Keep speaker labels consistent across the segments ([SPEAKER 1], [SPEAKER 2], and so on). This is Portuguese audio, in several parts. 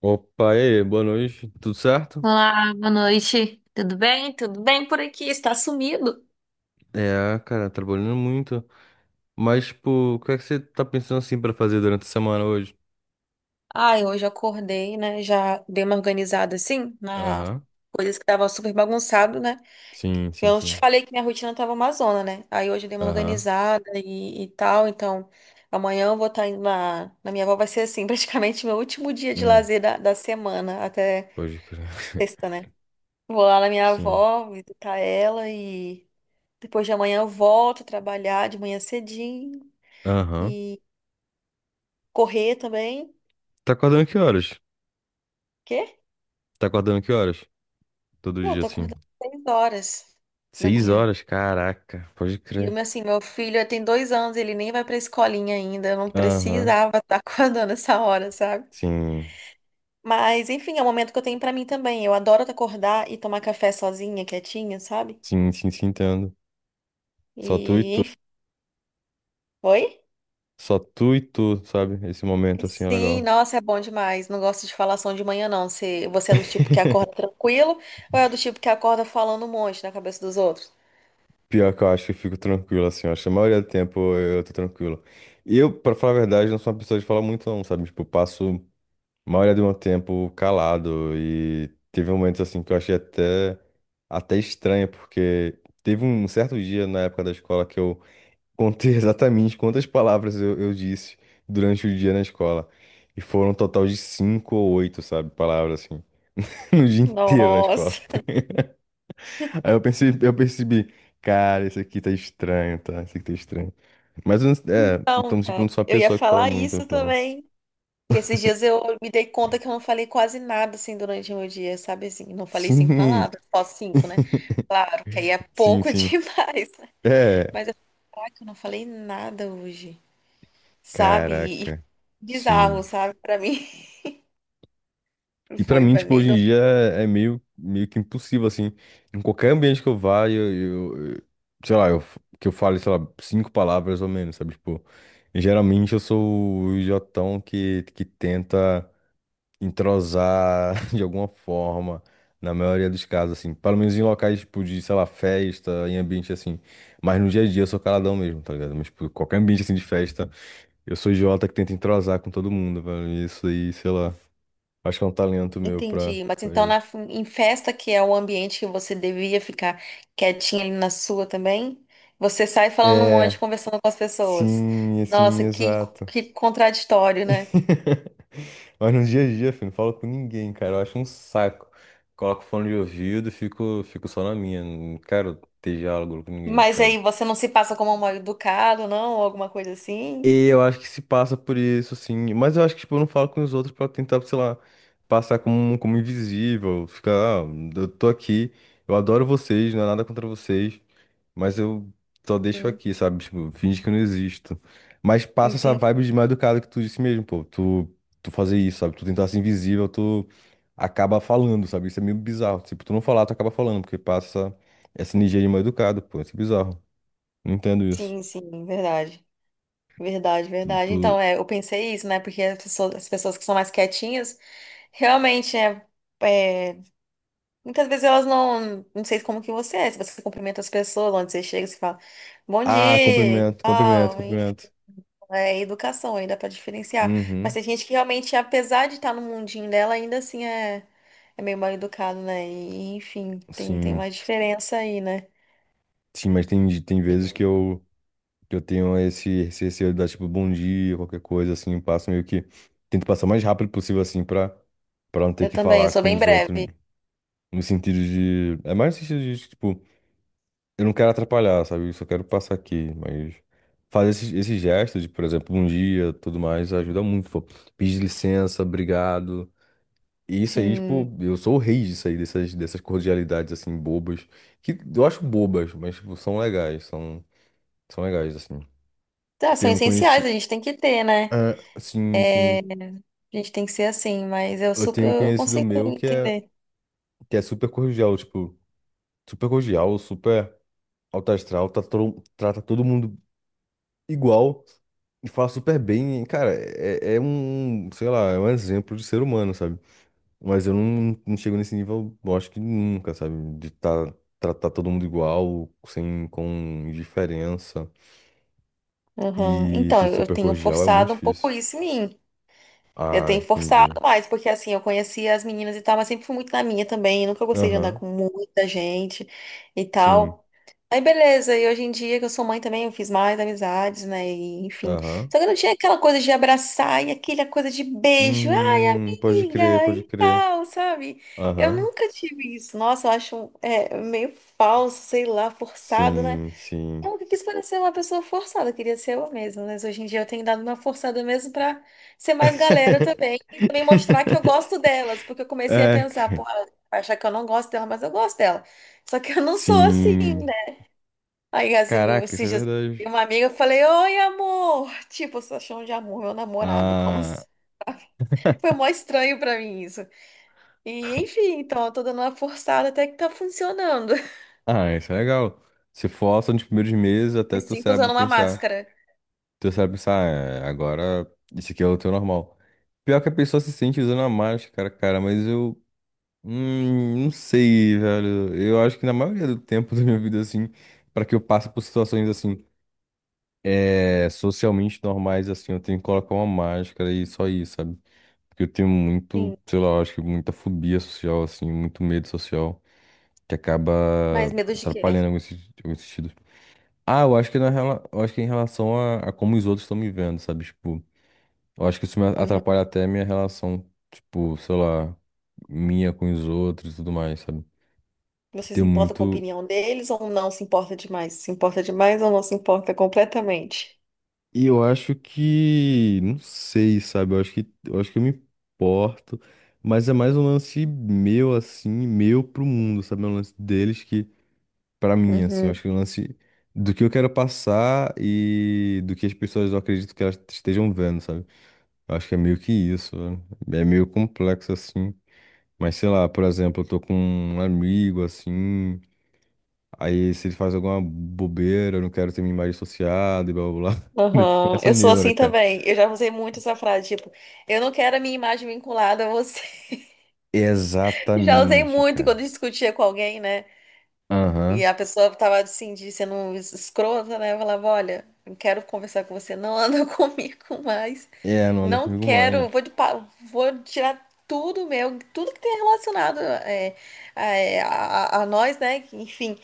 [SPEAKER 1] Opa, e aí, boa noite, tudo certo?
[SPEAKER 2] Olá, boa noite. Tudo bem? Tudo bem por aqui? Está sumido?
[SPEAKER 1] É, cara, trabalhando muito. Mas, tipo, o que é que você tá pensando assim pra fazer durante a semana hoje?
[SPEAKER 2] Ai, hoje eu acordei, né? Já dei uma organizada assim na
[SPEAKER 1] Aham.
[SPEAKER 2] coisas que tava super bagunçado, né?
[SPEAKER 1] Sim, sim,
[SPEAKER 2] Eu te
[SPEAKER 1] sim.
[SPEAKER 2] falei que minha rotina tava uma zona, né? Aí hoje eu dei uma
[SPEAKER 1] Aham.
[SPEAKER 2] organizada e tal, então amanhã eu vou estar indo na minha avó, vai ser assim, praticamente meu último dia de
[SPEAKER 1] Hum,
[SPEAKER 2] lazer da semana, até
[SPEAKER 1] pode crer.
[SPEAKER 2] sexta, né? Vou lá na minha
[SPEAKER 1] Sim.
[SPEAKER 2] avó, visitar ela e depois de amanhã eu volto a trabalhar de manhã cedinho.
[SPEAKER 1] Aham.
[SPEAKER 2] Correr também.
[SPEAKER 1] Tá acordando que horas?
[SPEAKER 2] Quê?
[SPEAKER 1] Tá acordando que horas? Todo
[SPEAKER 2] Pô, eu
[SPEAKER 1] dia,
[SPEAKER 2] tô
[SPEAKER 1] assim.
[SPEAKER 2] acordando às 6 horas da
[SPEAKER 1] Seis
[SPEAKER 2] manhã.
[SPEAKER 1] horas? Caraca, pode
[SPEAKER 2] E
[SPEAKER 1] crer.
[SPEAKER 2] eu, assim, meu filho tem 2 anos, ele nem vai pra escolinha ainda. Eu não
[SPEAKER 1] Aham.
[SPEAKER 2] precisava estar acordando essa hora, sabe?
[SPEAKER 1] Sim.
[SPEAKER 2] Mas, enfim, é o momento que eu tenho pra mim também. Eu adoro acordar e tomar café sozinha, quietinha, sabe?
[SPEAKER 1] Sim, sim, sim, entendo. Só tu e
[SPEAKER 2] E,
[SPEAKER 1] tu.
[SPEAKER 2] enfim, foi?
[SPEAKER 1] Só tu e tu, sabe? Esse momento, assim, é
[SPEAKER 2] Sim,
[SPEAKER 1] legal.
[SPEAKER 2] nossa, é bom demais. Não gosto de falação de manhã, não. Você é do tipo que acorda tranquilo ou é do tipo que acorda falando um monte na cabeça dos outros?
[SPEAKER 1] Pior que eu acho que eu fico tranquilo, assim, eu acho que a maioria do tempo eu tô tranquilo. E eu, pra falar a verdade, não sou uma pessoa de falar muito, não, sabe? Tipo, eu passo a maioria do meu tempo calado e teve momentos, assim, que eu achei até, até estranho, porque teve um certo dia na época da escola que eu contei exatamente quantas palavras eu disse durante o dia na escola. E foram um total de cinco ou oito, sabe, palavras, assim, no dia inteiro na escola.
[SPEAKER 2] Nossa.
[SPEAKER 1] Aí eu percebi, cara, isso aqui tá estranho, tá? Isso aqui tá estranho. Mas eu não- É,
[SPEAKER 2] Então,
[SPEAKER 1] então, tipo,
[SPEAKER 2] cara,
[SPEAKER 1] não sou a
[SPEAKER 2] eu ia
[SPEAKER 1] pessoa que fala
[SPEAKER 2] falar
[SPEAKER 1] muito no
[SPEAKER 2] isso
[SPEAKER 1] final.
[SPEAKER 2] também. Que esses dias eu me dei conta que eu não falei quase nada assim durante o meu dia, sabe assim? Não falei cinco
[SPEAKER 1] Sim!
[SPEAKER 2] palavras, só 5, né? Claro, que aí é
[SPEAKER 1] Sim,
[SPEAKER 2] pouco
[SPEAKER 1] sim.
[SPEAKER 2] demais. Né?
[SPEAKER 1] É,
[SPEAKER 2] Mas eu falei, caraca, eu não falei nada hoje, sabe? E foi
[SPEAKER 1] caraca. Sim.
[SPEAKER 2] bizarro, sabe? Pra mim,
[SPEAKER 1] E pra
[SPEAKER 2] foi,
[SPEAKER 1] mim,
[SPEAKER 2] foi
[SPEAKER 1] tipo,
[SPEAKER 2] meio
[SPEAKER 1] hoje em
[SPEAKER 2] doido.
[SPEAKER 1] dia é meio que impossível, assim. Em qualquer ambiente que eu vá, sei lá, que eu fale, sei lá, cinco palavras ou menos, sabe? Tipo, geralmente eu sou o jotão que tenta entrosar de alguma forma, na maioria dos casos, assim. Pelo menos em locais, tipo, de, sei lá, festa, em ambiente assim. Mas no dia a dia eu sou caladão mesmo, tá ligado? Mas, tipo, qualquer ambiente assim de festa, eu sou idiota que tenta entrosar com todo mundo, velho. E isso aí, sei lá. Acho que é um talento meu pra,
[SPEAKER 2] Entendi, mas
[SPEAKER 1] pra
[SPEAKER 2] então
[SPEAKER 1] isso.
[SPEAKER 2] em festa, que é o ambiente que você devia ficar quietinha ali na sua também, você sai falando um monte,
[SPEAKER 1] É,
[SPEAKER 2] conversando com as pessoas.
[SPEAKER 1] sim,
[SPEAKER 2] Nossa,
[SPEAKER 1] assim,
[SPEAKER 2] que,
[SPEAKER 1] exato.
[SPEAKER 2] que contraditório, né?
[SPEAKER 1] Mas no dia a dia, filho, não falo com ninguém, cara. Eu acho um saco. Coloco fone de ouvido e fico só na minha. Não quero ter diálogo com ninguém,
[SPEAKER 2] Mas
[SPEAKER 1] sabe?
[SPEAKER 2] aí você não se passa como um mal educado, não? Ou alguma coisa assim?
[SPEAKER 1] E eu acho que se passa por isso, assim. Mas eu acho que, tipo, eu não falo com os outros pra tentar, sei lá, passar como, invisível. Ficar, ah, eu tô aqui, eu adoro vocês, não é nada contra vocês, mas eu só deixo
[SPEAKER 2] Hum,
[SPEAKER 1] aqui, sabe? Tipo, finge que eu não existo. Mas passa essa
[SPEAKER 2] entendi,
[SPEAKER 1] vibe de mal educado que tu disse mesmo, pô. Tu fazer isso, sabe? Tu tentar ser invisível, tu acaba falando, sabe? Isso é meio bizarro. Tipo, tu não falar, tu acaba falando, porque passa essa, energia de mal educado, pô. Isso é bizarro. Não entendo isso.
[SPEAKER 2] sim, sim, verdade. Verdade,
[SPEAKER 1] tu
[SPEAKER 2] verdade. Então,
[SPEAKER 1] tu,
[SPEAKER 2] é, eu pensei isso, né? Porque as pessoas que são mais quietinhas, realmente, né? É, muitas vezes elas não, não sei como que você é, se você cumprimenta as pessoas, onde você chega, você fala, bom
[SPEAKER 1] Ah,
[SPEAKER 2] dia,
[SPEAKER 1] cumprimento, cumprimento,
[SPEAKER 2] tal, enfim,
[SPEAKER 1] cumprimento.
[SPEAKER 2] é educação, aí dá pra diferenciar. Mas
[SPEAKER 1] Uhum,
[SPEAKER 2] tem gente que realmente, apesar de estar no mundinho dela, ainda assim é, é meio mal educado, né? E, enfim, tem
[SPEAKER 1] sim.
[SPEAKER 2] uma diferença aí, né?
[SPEAKER 1] Sim, mas tem vezes que eu tenho esse receio de dar, tipo, bom dia, qualquer coisa, assim, eu passo meio que... Tento passar o mais rápido possível, assim, pra não ter
[SPEAKER 2] Eu
[SPEAKER 1] que
[SPEAKER 2] também, eu
[SPEAKER 1] falar
[SPEAKER 2] sou
[SPEAKER 1] com
[SPEAKER 2] bem
[SPEAKER 1] os outros,
[SPEAKER 2] breve.
[SPEAKER 1] no sentido de... É mais no sentido de, tipo, eu não quero atrapalhar, sabe? Eu só quero passar aqui, mas... Fazer esse, gesto de, por exemplo, bom dia, tudo mais, ajuda muito, pô. Pedir licença, obrigado. E isso aí,
[SPEAKER 2] Sim.
[SPEAKER 1] tipo, eu sou o rei disso aí, dessas cordialidades, assim, bobas. Que eu acho bobas, mas, tipo, são legais, são legais, assim.
[SPEAKER 2] Tá, são
[SPEAKER 1] Tenho
[SPEAKER 2] essenciais, a
[SPEAKER 1] conhecido...
[SPEAKER 2] gente tem que ter, né?
[SPEAKER 1] Ah, sim, sim.
[SPEAKER 2] A gente tem que ser assim, mas eu
[SPEAKER 1] Eu
[SPEAKER 2] super
[SPEAKER 1] tenho um
[SPEAKER 2] eu
[SPEAKER 1] conhecido
[SPEAKER 2] consigo
[SPEAKER 1] meu que é,
[SPEAKER 2] entender.
[SPEAKER 1] que é super cordial, tipo, super cordial, super alto astral, tá todo, trata todo mundo igual e fala super bem. E, cara, é, um, sei lá, é um exemplo de ser humano, sabe? Mas eu não chego nesse nível, eu acho que nunca, sabe? De tá, tratar todo mundo igual, sem, com indiferença.
[SPEAKER 2] Uhum.
[SPEAKER 1] E
[SPEAKER 2] Então,
[SPEAKER 1] ser
[SPEAKER 2] eu
[SPEAKER 1] super
[SPEAKER 2] tenho
[SPEAKER 1] cordial é muito
[SPEAKER 2] forçado um pouco
[SPEAKER 1] difícil.
[SPEAKER 2] isso em mim. Eu
[SPEAKER 1] Ah,
[SPEAKER 2] tenho forçado
[SPEAKER 1] entendi.
[SPEAKER 2] mais, porque assim, eu conhecia as meninas e tal, mas sempre fui muito na minha também. Nunca gostei de andar
[SPEAKER 1] Aham,
[SPEAKER 2] com muita gente e
[SPEAKER 1] sim.
[SPEAKER 2] tal. Aí beleza, e hoje em dia que eu sou mãe também, eu fiz mais amizades, né? E, enfim.
[SPEAKER 1] Aham.
[SPEAKER 2] Só que eu não tinha aquela coisa de abraçar e aquela coisa de beijo, ai,
[SPEAKER 1] Pode crer,
[SPEAKER 2] amiga,
[SPEAKER 1] pode
[SPEAKER 2] e
[SPEAKER 1] crer.
[SPEAKER 2] tal, sabe? Eu
[SPEAKER 1] Aham,
[SPEAKER 2] nunca tive isso. Nossa, eu acho é, meio falso, sei lá, forçado, né?
[SPEAKER 1] sim, sim.
[SPEAKER 2] Eu nunca quis parecer uma pessoa forçada, eu queria ser eu mesma, mas hoje em dia eu tenho dado uma forçada mesmo pra ser mais galera também e também mostrar que eu gosto delas, porque eu comecei a
[SPEAKER 1] É,
[SPEAKER 2] pensar,
[SPEAKER 1] c-
[SPEAKER 2] pô, ela vai achar que eu não gosto dela, mas eu gosto dela. Só que eu não sou assim,
[SPEAKER 1] sim.
[SPEAKER 2] né? Aí assim,
[SPEAKER 1] Caraca, isso
[SPEAKER 2] esses
[SPEAKER 1] é
[SPEAKER 2] dias eu vi
[SPEAKER 1] verdade.
[SPEAKER 2] uma amiga, eu falei, oi, amor! Tipo, você achou de amor, meu namorado, como
[SPEAKER 1] Ah,
[SPEAKER 2] assim? Foi mó estranho pra mim isso. E enfim, então eu tô dando uma forçada até que tá funcionando.
[SPEAKER 1] ah, isso é legal. Se força nos primeiros meses até
[SPEAKER 2] Me
[SPEAKER 1] teu
[SPEAKER 2] sinto usando
[SPEAKER 1] cérebro
[SPEAKER 2] uma
[SPEAKER 1] pensar.
[SPEAKER 2] máscara.
[SPEAKER 1] Tu sabe pensar, "Ah, é, agora isso aqui é o teu normal." Pior que a pessoa se sente usando a máscara, cara, mas eu não sei, velho. Eu acho que na maioria do tempo da minha vida, assim, pra que eu passe por situações assim, é, socialmente normais, assim, eu tenho que colocar uma máscara e só isso, sabe? Porque eu tenho
[SPEAKER 2] Sim,
[SPEAKER 1] muito, sei lá, eu acho que muita fobia social, assim, muito medo social, que acaba
[SPEAKER 2] mas medo de quê?
[SPEAKER 1] atrapalhando em alguns se- alguns sentidos. Ah, eu acho que na, eu acho que em relação a como os outros estão me vendo, sabe? Tipo. Eu acho que isso me
[SPEAKER 2] Uhum.
[SPEAKER 1] atrapalha até a minha relação, tipo, sei lá, minha com os outros e tudo mais, sabe?
[SPEAKER 2] Você
[SPEAKER 1] Tem
[SPEAKER 2] se importa com a
[SPEAKER 1] muito.
[SPEAKER 2] opinião deles ou não se importa demais? Se importa demais ou não se importa completamente?
[SPEAKER 1] E eu acho que, não sei, sabe? Eu acho que eu me importo. Mas é mais um lance meu, assim, meu pro mundo, sabe? É um lance deles que, pra mim, assim, eu
[SPEAKER 2] Uhum.
[SPEAKER 1] acho que é um lance do que eu quero passar e do que as pessoas eu acredito que elas estejam vendo, sabe? Eu acho que é meio que isso, né? É meio complexo, assim. Mas sei lá, por exemplo, eu tô com um amigo assim, aí se ele faz alguma bobeira, eu não quero ter minha imagem associada e blá blá blá. Eu fico
[SPEAKER 2] Aham.
[SPEAKER 1] nessa
[SPEAKER 2] Eu sou
[SPEAKER 1] neura,
[SPEAKER 2] assim
[SPEAKER 1] cara.
[SPEAKER 2] também. Eu já usei muito essa frase, tipo, eu não quero a minha imagem vinculada a você. Já usei
[SPEAKER 1] Exatamente,
[SPEAKER 2] muito
[SPEAKER 1] cara.
[SPEAKER 2] quando discutia com alguém, né? E
[SPEAKER 1] Aham.
[SPEAKER 2] a pessoa tava assim, de sendo escrota, né? Eu falava, olha, não quero conversar com você, não anda comigo mais.
[SPEAKER 1] É, não anda
[SPEAKER 2] Não
[SPEAKER 1] comigo
[SPEAKER 2] quero,
[SPEAKER 1] mais.
[SPEAKER 2] vou tirar tudo meu, tudo que tem relacionado é, é, a nós, né? Enfim.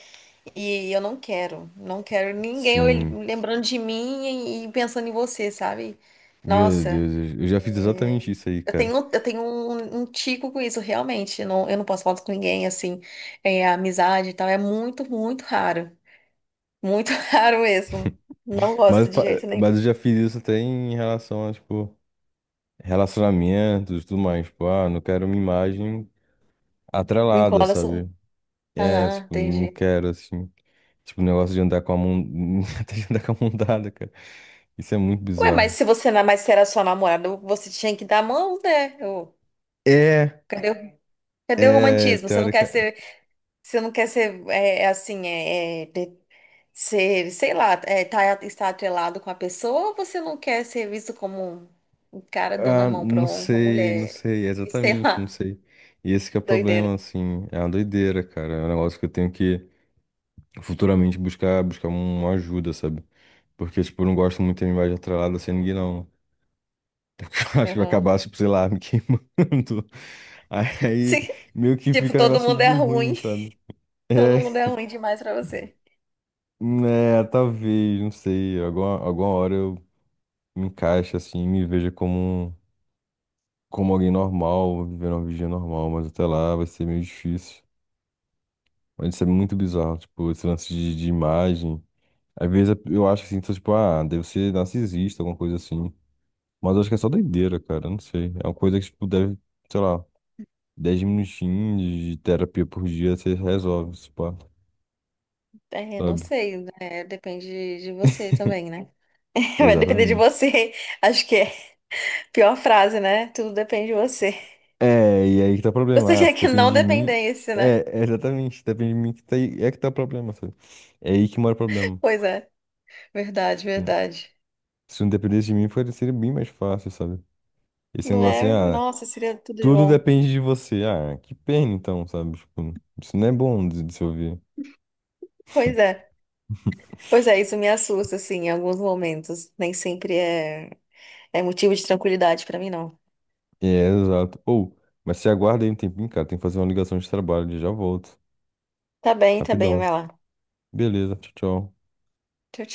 [SPEAKER 2] E eu não quero, não quero ninguém
[SPEAKER 1] Sim.
[SPEAKER 2] lembrando de mim e pensando em você, sabe?
[SPEAKER 1] Meu
[SPEAKER 2] Nossa,
[SPEAKER 1] Deus, eu já fiz exatamente isso aí,
[SPEAKER 2] eu
[SPEAKER 1] cara.
[SPEAKER 2] tenho, eu tenho um, um tico com isso, realmente. Eu não posso falar com ninguém, assim, é, amizade e tal. É muito, muito raro. Muito raro mesmo. Não
[SPEAKER 1] Mas,
[SPEAKER 2] gosto
[SPEAKER 1] eu
[SPEAKER 2] de
[SPEAKER 1] fa-
[SPEAKER 2] jeito nenhum.
[SPEAKER 1] mas eu já fiz isso até em relação a, tipo, relacionamentos e tudo mais. Tipo, ah, não quero minha imagem
[SPEAKER 2] Me
[SPEAKER 1] atrelada,
[SPEAKER 2] incomoda assim.
[SPEAKER 1] sabe? É,
[SPEAKER 2] Aham,
[SPEAKER 1] tipo, não
[SPEAKER 2] entendi.
[SPEAKER 1] quero, assim. Tipo, o negócio de andar com a mão. Até de andar com a mão dada, cara. Isso é muito
[SPEAKER 2] Ué, mas
[SPEAKER 1] bizarro.
[SPEAKER 2] se você não mais era sua namorada, você tinha que dar a mão, né? Ô,
[SPEAKER 1] É,
[SPEAKER 2] cadê, cadê o
[SPEAKER 1] é,
[SPEAKER 2] romantismo? Você não quer
[SPEAKER 1] teórica.
[SPEAKER 2] ser, você não quer ser é, é assim, é, é, ser, sei lá, é, tá, está atrelado com a pessoa ou você não quer ser visto como um cara dando a
[SPEAKER 1] Ah,
[SPEAKER 2] mão pra
[SPEAKER 1] não
[SPEAKER 2] uma
[SPEAKER 1] sei, não
[SPEAKER 2] mulher?
[SPEAKER 1] sei,
[SPEAKER 2] E sei
[SPEAKER 1] exatamente, não
[SPEAKER 2] lá,
[SPEAKER 1] sei. E esse que é o
[SPEAKER 2] doideira.
[SPEAKER 1] problema, assim. É uma doideira, cara. É um negócio que eu tenho que futuramente buscar uma ajuda, sabe? Porque, tipo, eu não gosto muito de linguagem atrelada sem ninguém, não. Acho que vai
[SPEAKER 2] Aham.
[SPEAKER 1] acabar, tipo, sei lá, me queimando. Aí,
[SPEAKER 2] Sim,
[SPEAKER 1] meio que
[SPEAKER 2] tipo,
[SPEAKER 1] fica um
[SPEAKER 2] todo
[SPEAKER 1] negócio
[SPEAKER 2] mundo é
[SPEAKER 1] meio ruim,
[SPEAKER 2] ruim.
[SPEAKER 1] sabe?
[SPEAKER 2] Todo mundo
[SPEAKER 1] É.
[SPEAKER 2] é ruim demais pra você.
[SPEAKER 1] É, talvez, não sei. Alguma, alguma hora eu me encaixe assim, me veja como, um- como alguém normal, vivendo uma vida normal, mas até lá vai ser meio difícil. Mas isso é muito bizarro, tipo, esse lance de, imagem. Às vezes é, eu acho assim, tô, tipo, ah, deve ser narcisista, alguma coisa assim. Mas eu acho que é só doideira, cara, não sei. É uma coisa que, tipo, deve, sei lá, 10 minutinhos de terapia por dia você resolve, se pá,
[SPEAKER 2] É, não
[SPEAKER 1] sabe?
[SPEAKER 2] sei, né? Depende de você também, né? Vai depender de
[SPEAKER 1] Exatamente.
[SPEAKER 2] você. Acho que é a pior frase, né? Tudo depende de você.
[SPEAKER 1] É, e aí que tá o
[SPEAKER 2] Você
[SPEAKER 1] problema. Ah,
[SPEAKER 2] quer
[SPEAKER 1] se
[SPEAKER 2] que não
[SPEAKER 1] depende de mim.
[SPEAKER 2] dependesse, né?
[SPEAKER 1] É exatamente, se depende de mim que tá aí, é que tá o problema, sabe? É aí que mora o problema.
[SPEAKER 2] Pois é, verdade, verdade.
[SPEAKER 1] Se não dependesse de mim, seria bem mais fácil, sabe? Esse
[SPEAKER 2] Não
[SPEAKER 1] negócio
[SPEAKER 2] é?
[SPEAKER 1] assim, ah,
[SPEAKER 2] Nossa, seria tudo de
[SPEAKER 1] tudo
[SPEAKER 2] bom.
[SPEAKER 1] depende de você. Ah, que pena então, sabe? Tipo, isso não é bom de, se ouvir.
[SPEAKER 2] Pois é. Pois é, isso me assusta, assim, em alguns momentos. Nem sempre é, é motivo de tranquilidade pra mim, não.
[SPEAKER 1] É, exato. Ou, mas se aguarda aí um tempinho, cara, tem que fazer uma ligação de trabalho, já volto.
[SPEAKER 2] Tá bem,
[SPEAKER 1] Rapidão.
[SPEAKER 2] vai lá.
[SPEAKER 1] Beleza, tchau, tchau.
[SPEAKER 2] Tchau, tchau.